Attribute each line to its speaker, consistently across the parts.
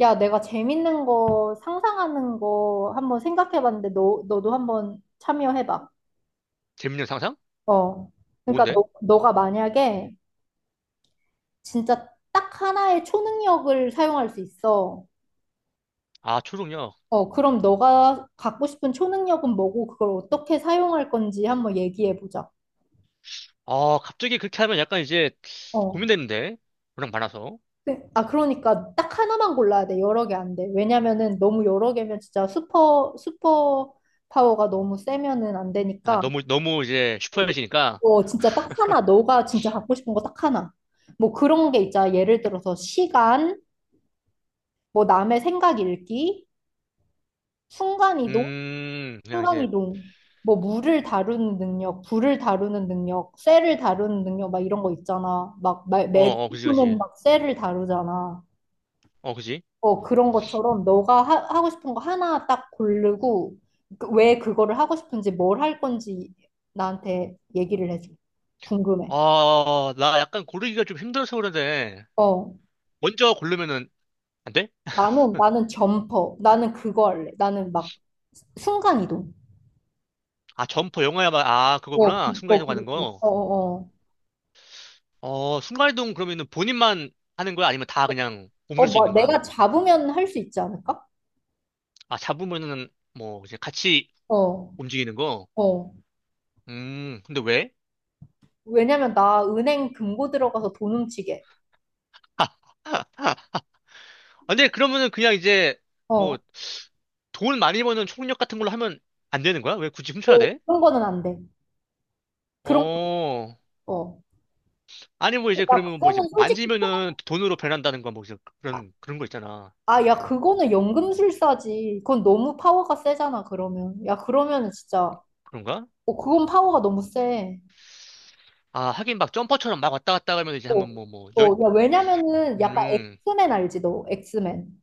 Speaker 1: 야, 내가 재밌는 거 상상하는 거 한번 생각해 봤는데 너 너도 한번 참여해 봐.
Speaker 2: 재밌는 상상?
Speaker 1: 어. 그러니까
Speaker 2: 뭔데?
Speaker 1: 너 너가 만약에 진짜 딱 하나의 초능력을 사용할 수 있어.
Speaker 2: 아, 초능력.
Speaker 1: 어, 그럼 너가 갖고 싶은 초능력은 뭐고 그걸 어떻게 사용할 건지 한번 얘기해 보자.
Speaker 2: 아, 갑자기 그렇게 하면 약간 이제
Speaker 1: 어.
Speaker 2: 고민되는데? 워낙 많아서.
Speaker 1: 그러니까 딱 하나만 골라야 돼. 여러 개 안 돼. 왜냐면은 너무 여러 개면 진짜 슈퍼 슈퍼 파워가 너무 세면은 안
Speaker 2: 아,
Speaker 1: 되니까.
Speaker 2: 너무, 너무 이제 슈퍼해지니까.
Speaker 1: 어, 진짜 딱 하나, 너가 진짜 갖고 싶은 거 딱 하나. 뭐 그런 게 있잖아. 예를 들어서 시간, 뭐 남의 생각 읽기, 순간이동,
Speaker 2: 그냥 이제,
Speaker 1: 순간이동, 뭐 물을 다루는 능력, 불을 다루는 능력, 쇠를 다루는 능력, 막 이런 거 있잖아. 막 매-
Speaker 2: 어, 어, 그지, 그지.
Speaker 1: 매국노는 막 쇠를 다루잖아.
Speaker 2: 어, 그지.
Speaker 1: 어, 그런 것처럼 너가 하고 싶은 거 하나 딱 고르고 왜 그거를 하고 싶은지 뭘 할 건지 나한테 얘기를 해줘. 궁금해.
Speaker 2: 아, 나 약간 고르기가 좀 힘들어서 그러는데.
Speaker 1: 어.
Speaker 2: 먼저 고르면은, 안 돼?
Speaker 1: 나는 점퍼. 나는 그거 할래. 나는 막 순간 이동.
Speaker 2: 아, 점퍼 영화야만, 아,
Speaker 1: 어,
Speaker 2: 그거구나. 순간이동
Speaker 1: 그거.
Speaker 2: 가는
Speaker 1: 그거.
Speaker 2: 거.
Speaker 1: 어, 어, 어.
Speaker 2: 어, 순간이동 그러면은 본인만 하는 거야? 아니면 다 그냥
Speaker 1: 어,
Speaker 2: 옮길 수
Speaker 1: 뭐
Speaker 2: 있는 거야?
Speaker 1: 내가 잡으면 할 수 있지 않을까?
Speaker 2: 아, 잡으면은, 뭐, 이제 같이
Speaker 1: 어,
Speaker 2: 움직이는 거.
Speaker 1: 어.
Speaker 2: 근데 왜?
Speaker 1: 왜냐면 나 은행 금고 들어가서 돈 훔치게.
Speaker 2: 아, 근데 그러면은 그냥 이제
Speaker 1: 어,
Speaker 2: 뭐 돈 많이 버는 총력 같은 걸로 하면 안 되는 거야? 왜 굳이 훔쳐야
Speaker 1: 어,
Speaker 2: 돼?
Speaker 1: 그런 거는 안 돼. 그런 거.
Speaker 2: 어.
Speaker 1: 어.
Speaker 2: 아니 뭐 이제
Speaker 1: 야,
Speaker 2: 그러면 뭐 이제
Speaker 1: 그거는 솔직히 좀-
Speaker 2: 만지면은 돈으로 변한다는 건 뭐 이제
Speaker 1: 아,
Speaker 2: 그런 거 있잖아.
Speaker 1: 아, 야, 그거는 연금술사지. 그건 너무 파워가 세잖아, 그러면. 야, 그러면은 진짜,
Speaker 2: 그런가?
Speaker 1: 어, 그건 파워가 너무 세.
Speaker 2: 아, 하긴 막 점퍼처럼 막 왔다 갔다 하면 이제
Speaker 1: 어,
Speaker 2: 한번 뭐 열
Speaker 1: 어, 야, 왜냐면은 약간
Speaker 2: 음.
Speaker 1: 엑스맨 알지, 너? 엑스맨.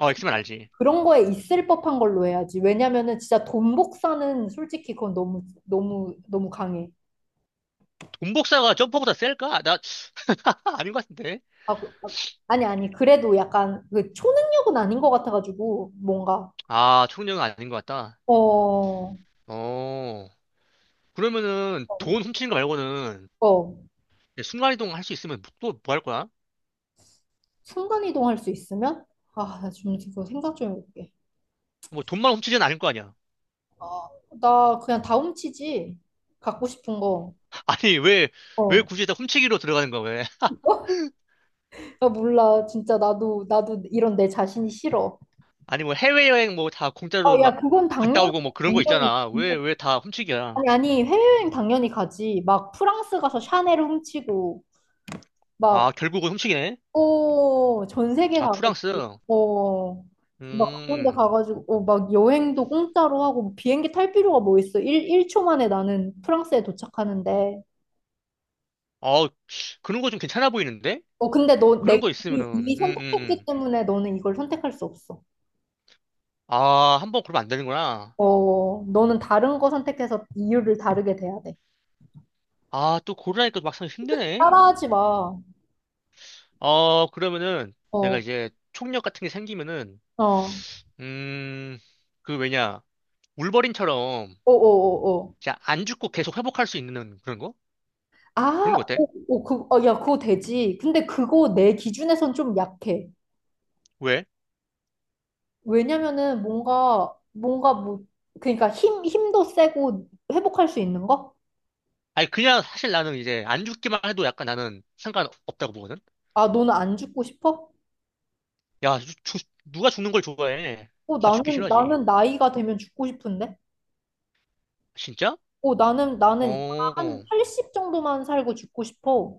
Speaker 2: 어, 엑스맨 알지.
Speaker 1: 그런 거에 있을 법한 걸로 해야지. 왜냐면은 진짜 돈 복사는 솔직히 그건 너무 너무 너무 강해.
Speaker 2: 돈복사가 점퍼보다 셀까? 나 아닌 것 같은데.
Speaker 1: 아, 그- 아, 아니 아니 그래도 약간 그 초능력은 아닌 것 같아가지고 뭔가
Speaker 2: 아, 총력은 아닌 것 같다.
Speaker 1: 어,
Speaker 2: 어. 그러면은
Speaker 1: 어,
Speaker 2: 돈 훔치는 거 말고는
Speaker 1: 어.
Speaker 2: 순간이동 할 수 있으면 뭐, 또뭐 할 거야?
Speaker 1: 순간 이동할 수 있으면 아, 나 지금 그거 생각 좀 해볼게.
Speaker 2: 뭐 돈만 훔치진 않을 거 아니야.
Speaker 1: 나 그냥 다훔 치지. 갖고 싶은 거.
Speaker 2: 아니, 왜, 왜
Speaker 1: 어.
Speaker 2: 굳이 다 훔치기로 들어가는 거야, 왜?
Speaker 1: 나 몰라. 진짜 나도 이런 내 자신이 싫어.
Speaker 2: 아니, 뭐 해외여행 뭐 다
Speaker 1: 아,
Speaker 2: 공짜로
Speaker 1: 야,
Speaker 2: 막
Speaker 1: 그건
Speaker 2: 갔다
Speaker 1: 당연
Speaker 2: 오고 뭐 그런 거
Speaker 1: 당연히
Speaker 2: 있잖아. 왜, 왜 다 훔치기야?
Speaker 1: 아니, 아니, 해외여행 당연히 가지. 막 프랑스 가서 샤넬 훔치고,
Speaker 2: 아,
Speaker 1: 막,
Speaker 2: 결국은 훔치기네?
Speaker 1: 오, 전 세계
Speaker 2: 아, 프랑스.
Speaker 1: 가가지고, 어, 막 그런 데
Speaker 2: 음,
Speaker 1: 가가지고, 어, 막 여행도 공짜로 하고, 뭐 비행기 탈 필요가 뭐 있어. 일 1초 만에 나는 프랑스에 도착하는데.
Speaker 2: 어, 그런 거 좀 괜찮아 보이는데?
Speaker 1: 어, 근데 너, 내가
Speaker 2: 그런 거
Speaker 1: 이미
Speaker 2: 있으면은,
Speaker 1: 이미
Speaker 2: 음, 음,
Speaker 1: 선택했기
Speaker 2: 음.
Speaker 1: 때문에 너는 이걸 선택할 수 없어.
Speaker 2: 아, 한번 그러면 안 되는구나.
Speaker 1: 어, 너는 다른 거 선택해서 이유를 다르게 돼야 돼.
Speaker 2: 아, 또 고르라니까 막상 힘드네?
Speaker 1: 따라하지 마.
Speaker 2: 어, 그러면은
Speaker 1: 어,
Speaker 2: 내가
Speaker 1: 어,
Speaker 2: 이제 총력 같은 게 생기면은,
Speaker 1: 어,
Speaker 2: 음, 그 왜냐, 울버린처럼
Speaker 1: 어, 어.
Speaker 2: 진짜 안 죽고 계속 회복할 수 있는 그런 거? 그런
Speaker 1: 아,
Speaker 2: 거 어때?
Speaker 1: 오, 오, 그, 어, 야, 그거 되지. 근데 그거 내 기준에선 좀 약해.
Speaker 2: 왜?
Speaker 1: 왜냐면은 뭔가, 뭔가 뭐, 그러니까 힘도 세고 회복할 수 있는 거?
Speaker 2: 아니, 그냥 사실 나는 이제 안 죽기만 해도 약간 나는 상관없다고 보거든?
Speaker 1: 아, 너는 안 죽고 싶어?
Speaker 2: 야, 누가 죽는 걸 좋아해?
Speaker 1: 어,
Speaker 2: 다 죽기
Speaker 1: 나는,
Speaker 2: 싫어하지.
Speaker 1: 나는 나이가 되면 죽고 싶은데?
Speaker 2: 진짜?
Speaker 1: 어, 나는 한
Speaker 2: 어.
Speaker 1: 80 정도만 살고 죽고 싶어.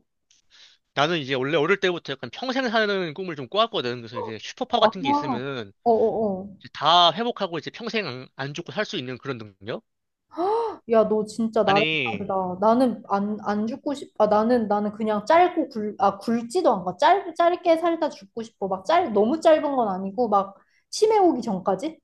Speaker 2: 나는 이제 원래 어릴 때부터 약간 평생 사는 꿈을 좀 꿔왔거든. 그래서 이제 슈퍼파워 같은 게
Speaker 1: 아,
Speaker 2: 있으면은
Speaker 1: 어어어.
Speaker 2: 이제 다 회복하고 이제 평생 안 죽고 살 수 있는 그런 능력?
Speaker 1: 야, 너 진짜 나랑
Speaker 2: 아니,
Speaker 1: 다르다. 나는 안 죽고 나는 그냥 굵지도 않고, 짧게 살다 죽고 싶어. 막 짧, 너무 짧은 건 아니고, 막, 치매 오기 전까지?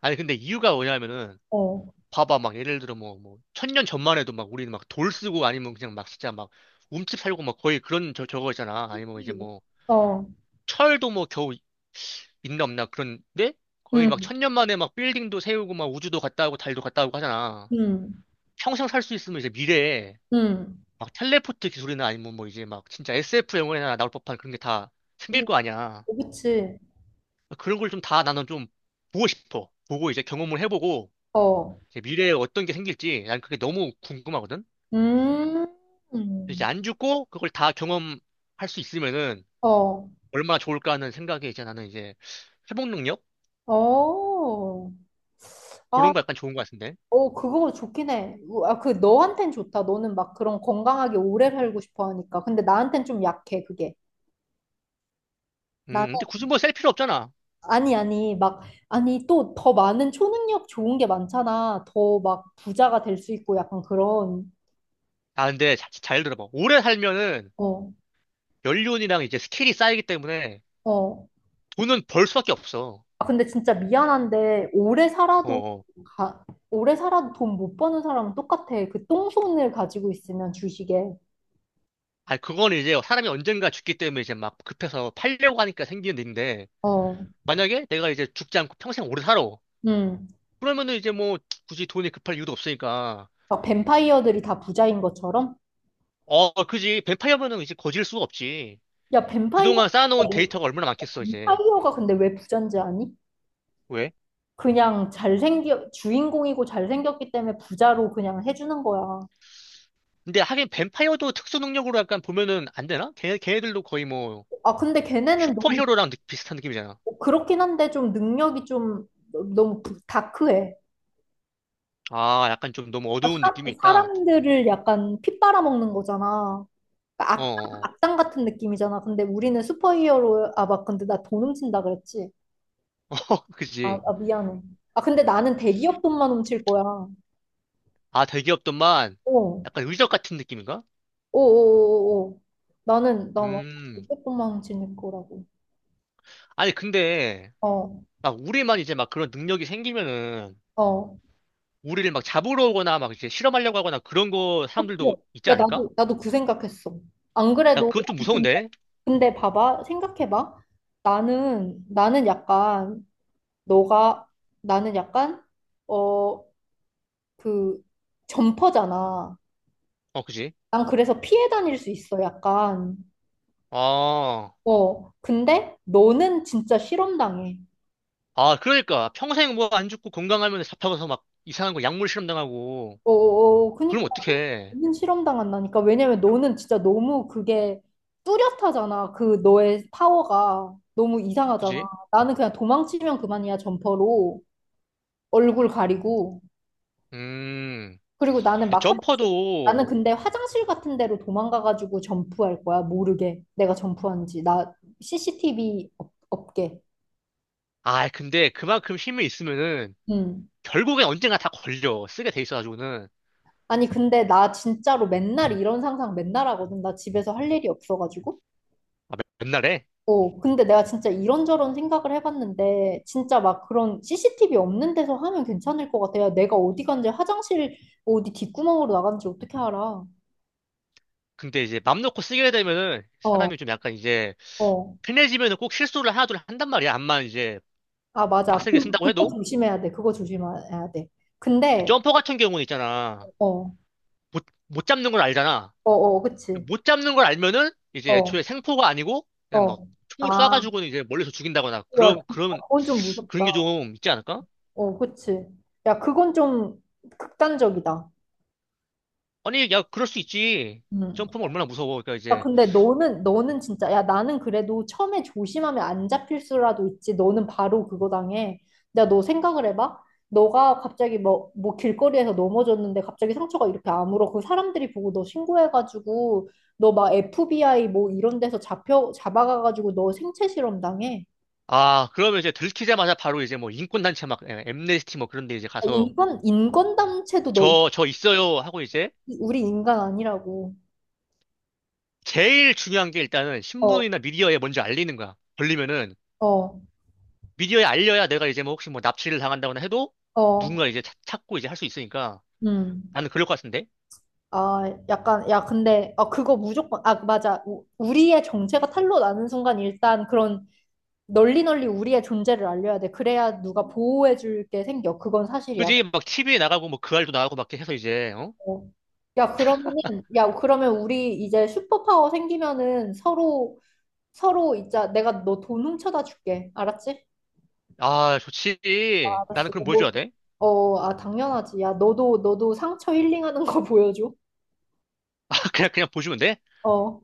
Speaker 2: 아니, 근데 이유가 뭐냐면은
Speaker 1: 어.
Speaker 2: 봐봐, 막 예를 들어 천년 전만 해도 막 우리는 막 돌 쓰고 아니면 그냥 막 진짜 막 움집 살고 막 거의 그런 저거 있잖아. 아니면 이제
Speaker 1: 예.
Speaker 2: 뭐,
Speaker 1: 어,
Speaker 2: 철도 뭐 겨우 있나 없나 그런데 거의 막
Speaker 1: 음,
Speaker 2: 천년 만에 막 빌딩도 세우고 막 우주도 갔다 오고 달도 갔다 오고 하잖아.
Speaker 1: 음,
Speaker 2: 평생 살 수 있으면 이제 미래에
Speaker 1: 음.
Speaker 2: 막 텔레포트 기술이나 아니면 뭐 이제 막 진짜 SF 영화에나 나올 법한 그런 게 다 생길
Speaker 1: 오,
Speaker 2: 거 아니야.
Speaker 1: 그치.
Speaker 2: 그런 걸 좀 다 나는 좀 보고 싶어. 보고 이제 경험을 해보고
Speaker 1: 어,
Speaker 2: 이제 미래에 어떤 게 생길지 난 그게 너무 궁금하거든.
Speaker 1: 음,
Speaker 2: 이제
Speaker 1: 음.
Speaker 2: 안 죽고 그걸 다 경험할 수 있으면은
Speaker 1: 어,
Speaker 2: 얼마나 좋을까 하는 생각에 이제 나는 이제 회복 능력
Speaker 1: 어. 아,
Speaker 2: 그런 거 약간 좋은 거 같은데.
Speaker 1: 어, 그거 좋긴 해. 우, 아, 그, 너한텐 좋다. 너는 막 그런 건강하게 오래 살고 싶어 하니까. 근데 나한텐 좀 약해, 그게.
Speaker 2: 근데 굳이 뭐 셀 필요 없잖아.
Speaker 1: 아니, 아니, 막, 아니, 또 더 많은 초능력 좋은 게 많잖아. 더 막 부자가 될 수 있고 약간 그런,
Speaker 2: 아, 근데 잘 들어봐. 오래 살면은
Speaker 1: 어,
Speaker 2: 연륜이랑 이제 스킬이 쌓이기 때문에
Speaker 1: 어.
Speaker 2: 돈은 벌 수밖에 없어.
Speaker 1: 아, 근데 진짜 미안한데,
Speaker 2: 어. 어.
Speaker 1: 가, 오래 살아도 돈 못 버는 사람은 똑같아. 그 똥손을 가지고 있으면 주식에.
Speaker 2: 아, 그건 이제 사람이 언젠가 죽기 때문에 이제 막 급해서 팔려고 하니까 생기는 일인데
Speaker 1: 어,
Speaker 2: 만약에 내가 이제 죽지 않고 평생 오래 살아.
Speaker 1: 음.
Speaker 2: 그러면은 이제 뭐 굳이 돈이 급할 이유도 없으니까.
Speaker 1: 막 뱀파이어들이 다 부자인 것처럼?
Speaker 2: 어, 그지. 뱀파이어면은 이제 거질 수가 없지.
Speaker 1: 야, 뱀파이어,
Speaker 2: 그동안 쌓아놓은 데이터가 얼마나 많겠어, 이제.
Speaker 1: 뱀파이어가 근데 왜 부자인지 아니?
Speaker 2: 왜?
Speaker 1: 그냥 잘생겨, 주인공이고 잘생겼기 때문에 부자로 그냥 해주는 거야.
Speaker 2: 근데 하긴 뱀파이어도 특수 능력으로 약간 보면은 안 되나? 걔네들도 거의 뭐
Speaker 1: 아, 근데 걔네는 너무
Speaker 2: 슈퍼히어로랑 비슷한 느낌이잖아.
Speaker 1: 그렇긴 한데 좀 능력이 좀 너무 다크해.
Speaker 2: 아, 약간 좀 너무
Speaker 1: 아,
Speaker 2: 어두운
Speaker 1: 사,
Speaker 2: 느낌이 있다.
Speaker 1: 사람들을 약간 핏 빨아먹는 거잖아. 그러니까
Speaker 2: 어,
Speaker 1: 악,
Speaker 2: 어,
Speaker 1: 악당 같은 느낌이잖아. 근데 우리는 슈퍼히어로, 아, 막 근데 나 돈 훔친다 그랬지.
Speaker 2: 어,
Speaker 1: 아,
Speaker 2: 그지.
Speaker 1: 아, 미안해. 아, 근데 나는 대기업 돈만 훔칠 거야.
Speaker 2: 아, 대기업들만
Speaker 1: 어,
Speaker 2: 약간 의적 같은 느낌인가?
Speaker 1: 오오오오. 나는, 나완
Speaker 2: 음.
Speaker 1: 대기업 돈만 훔치는 거라고.
Speaker 2: 아니, 근데
Speaker 1: 어,
Speaker 2: 막 우리만 이제 막 그런 능력이 생기면은
Speaker 1: 어.
Speaker 2: 우리를 막 잡으러 오거나 막 이제 실험하려고 하거나 그런 거 사람들도 있지
Speaker 1: 야,
Speaker 2: 않을까?
Speaker 1: 나도 그 생각했어. 안
Speaker 2: 나
Speaker 1: 그래도
Speaker 2: 그건 좀 무서운데.
Speaker 1: 근데 봐봐, 생각해봐. 나는, 나는 약간, 너가, 나는 약간, 어, 그, 점퍼잖아.
Speaker 2: 어, 그지.
Speaker 1: 난 그래서 피해 다닐 수 있어, 약간.
Speaker 2: 아,
Speaker 1: 어, 근데 너는 진짜 실험당해.
Speaker 2: 아, 그러니까 평생 뭐 안 죽고 건강하면 잡혀가서 막 이상한 거 약물 실험 당하고
Speaker 1: 어, 어, 어,
Speaker 2: 그럼
Speaker 1: 그니까
Speaker 2: 어떡해.
Speaker 1: 너는 실험당한다니까. 왜냐면 너는 진짜 너무 그게 뚜렷하잖아. 그 너의 파워가 너무 이상하잖아.
Speaker 2: 그지?
Speaker 1: 나는 그냥 도망치면 그만이야, 점퍼로. 얼굴 가리고.
Speaker 2: 음.
Speaker 1: 그리고 나는
Speaker 2: 근데
Speaker 1: 막 화장실, 나는
Speaker 2: 점퍼도
Speaker 1: 근데 화장실 같은 데로 도망가가지고 점프할 거야. 모르게. 내가 점프한지. 나 CCTV 없게.
Speaker 2: 아, 근데 그만큼 힘이 있으면은
Speaker 1: 음.
Speaker 2: 결국엔 언젠가 다 걸려. 쓰게 돼 있어가지고는.
Speaker 1: 아니, 근데 나 진짜로 맨날 이런 상상 맨날 하거든. 나 집에서 할 일이 없어가지고.
Speaker 2: 아, 맨날에?
Speaker 1: 어, 근데 내가 진짜 이런저런 생각을 해봤는데, 진짜 막 그런 CCTV 없는 데서 하면 괜찮을 것 같아요. 내가 어디 간지 화장실 어디 뒷구멍으로 나간지 어떻게 알아?
Speaker 2: 근데 이제 맘 놓고 쓰게 되면은
Speaker 1: 어,
Speaker 2: 사람이 좀 약간 이제
Speaker 1: 어.
Speaker 2: 편해지면은 꼭 실수를 하나둘 한단 말이야. 암만 이제
Speaker 1: 아, 맞아.
Speaker 2: 빡세게
Speaker 1: 그,
Speaker 2: 쓴다고
Speaker 1: 그거
Speaker 2: 해도.
Speaker 1: 조심해야 돼. 그거 조심해야 돼. 근데
Speaker 2: 점퍼 같은 경우는 있잖아.
Speaker 1: 어,
Speaker 2: 못 잡는 걸 알잖아.
Speaker 1: 어, 어, 그치.
Speaker 2: 못 잡는 걸 알면은 이제
Speaker 1: 어,
Speaker 2: 애초에 생포가 아니고 그냥 막
Speaker 1: 어.
Speaker 2: 총으로
Speaker 1: 아,
Speaker 2: 쏴가지고는 이제 멀리서 죽인다거나
Speaker 1: 야, 진짜
Speaker 2: 그런,
Speaker 1: 그건 좀
Speaker 2: 그런 게
Speaker 1: 무섭다.
Speaker 2: 좀 있지 않을까?
Speaker 1: 어, 그치. 야, 그건 좀 극단적이다.
Speaker 2: 아니, 야, 그럴 수 있지.
Speaker 1: 음.
Speaker 2: 점프는 얼마나 무서워. 그러니까
Speaker 1: 야,
Speaker 2: 이제
Speaker 1: 근데 너는 진짜, 야, 나는 그래도 처음에 조심하면 안 잡힐 수라도 있지. 너는 바로 그거 당해. 야, 너 생각을 해봐. 너가 갑자기 뭐 길거리에서 넘어졌는데 갑자기 상처가 이렇게 아물어. 그 사람들이 보고 너 신고해가지고, 너 막 FBI 뭐 이런 데서 잡아가가지고 너 생체 실험 당해.
Speaker 2: 아, 그러면 이제 들키자마자 바로 이제 뭐 인권단체 막, 예, 엠네스티 뭐 그런 데 이제
Speaker 1: 아,
Speaker 2: 가서
Speaker 1: 인권담체도 너,
Speaker 2: 저 있어요 하고 이제
Speaker 1: 우리 인간 아니라고.
Speaker 2: 제일 중요한 게 일단은
Speaker 1: 어,
Speaker 2: 신문이나 미디어에 먼저 알리는 거야. 걸리면은
Speaker 1: 어,
Speaker 2: 미디어에 알려야 내가 이제 뭐 혹시 뭐 납치를 당한다거나 해도
Speaker 1: 어,
Speaker 2: 누군가 이제 찾고 이제 할 수 있으니까
Speaker 1: 음.
Speaker 2: 나는 그럴 것 같은데?
Speaker 1: 아, 약간, 야, 근데, 아, 그거 무조건, 아, 맞아. 우리의 정체가 탄로 나는 순간 일단 그런 널리 널리 우리의 존재를 알려야 돼. 그래야 누가 보호해줄 게 생겨. 그건 사실이야.
Speaker 2: 그지? 막 TV에 나가고 뭐 그알도 나가고 막 이렇게 해서 이제, 어?
Speaker 1: 어. 야, 그러면은, 야, 그러면 우리 이제 슈퍼파워 생기면은 서로, 서로, 있자. 내가 너 돈 훔쳐다 줄게. 알았지?
Speaker 2: 아, 좋지. 나는
Speaker 1: 알았어.
Speaker 2: 그럼 뭐
Speaker 1: 뭐,
Speaker 2: 해줘야 돼?
Speaker 1: 어, 아, 당연하지. 야, 너도 상처 힐링하는 거 보여줘.
Speaker 2: 아, 그냥, 그냥 보여주면 돼?
Speaker 1: 어.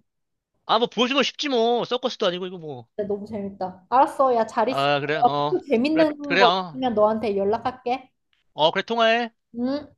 Speaker 2: 아, 뭐 보여주면 쉽지 뭐. 서커스도 아니고 이거 뭐.
Speaker 1: 진짜 너무 재밌다. 알았어. 야, 잘 있어.
Speaker 2: 아, 그래,
Speaker 1: 어,
Speaker 2: 어.
Speaker 1: 또
Speaker 2: 그래,
Speaker 1: 재밌는
Speaker 2: 그래,
Speaker 1: 거
Speaker 2: 어.
Speaker 1: 있으면 너한테 연락할게.
Speaker 2: 어, 그래, 통화해.
Speaker 1: 응?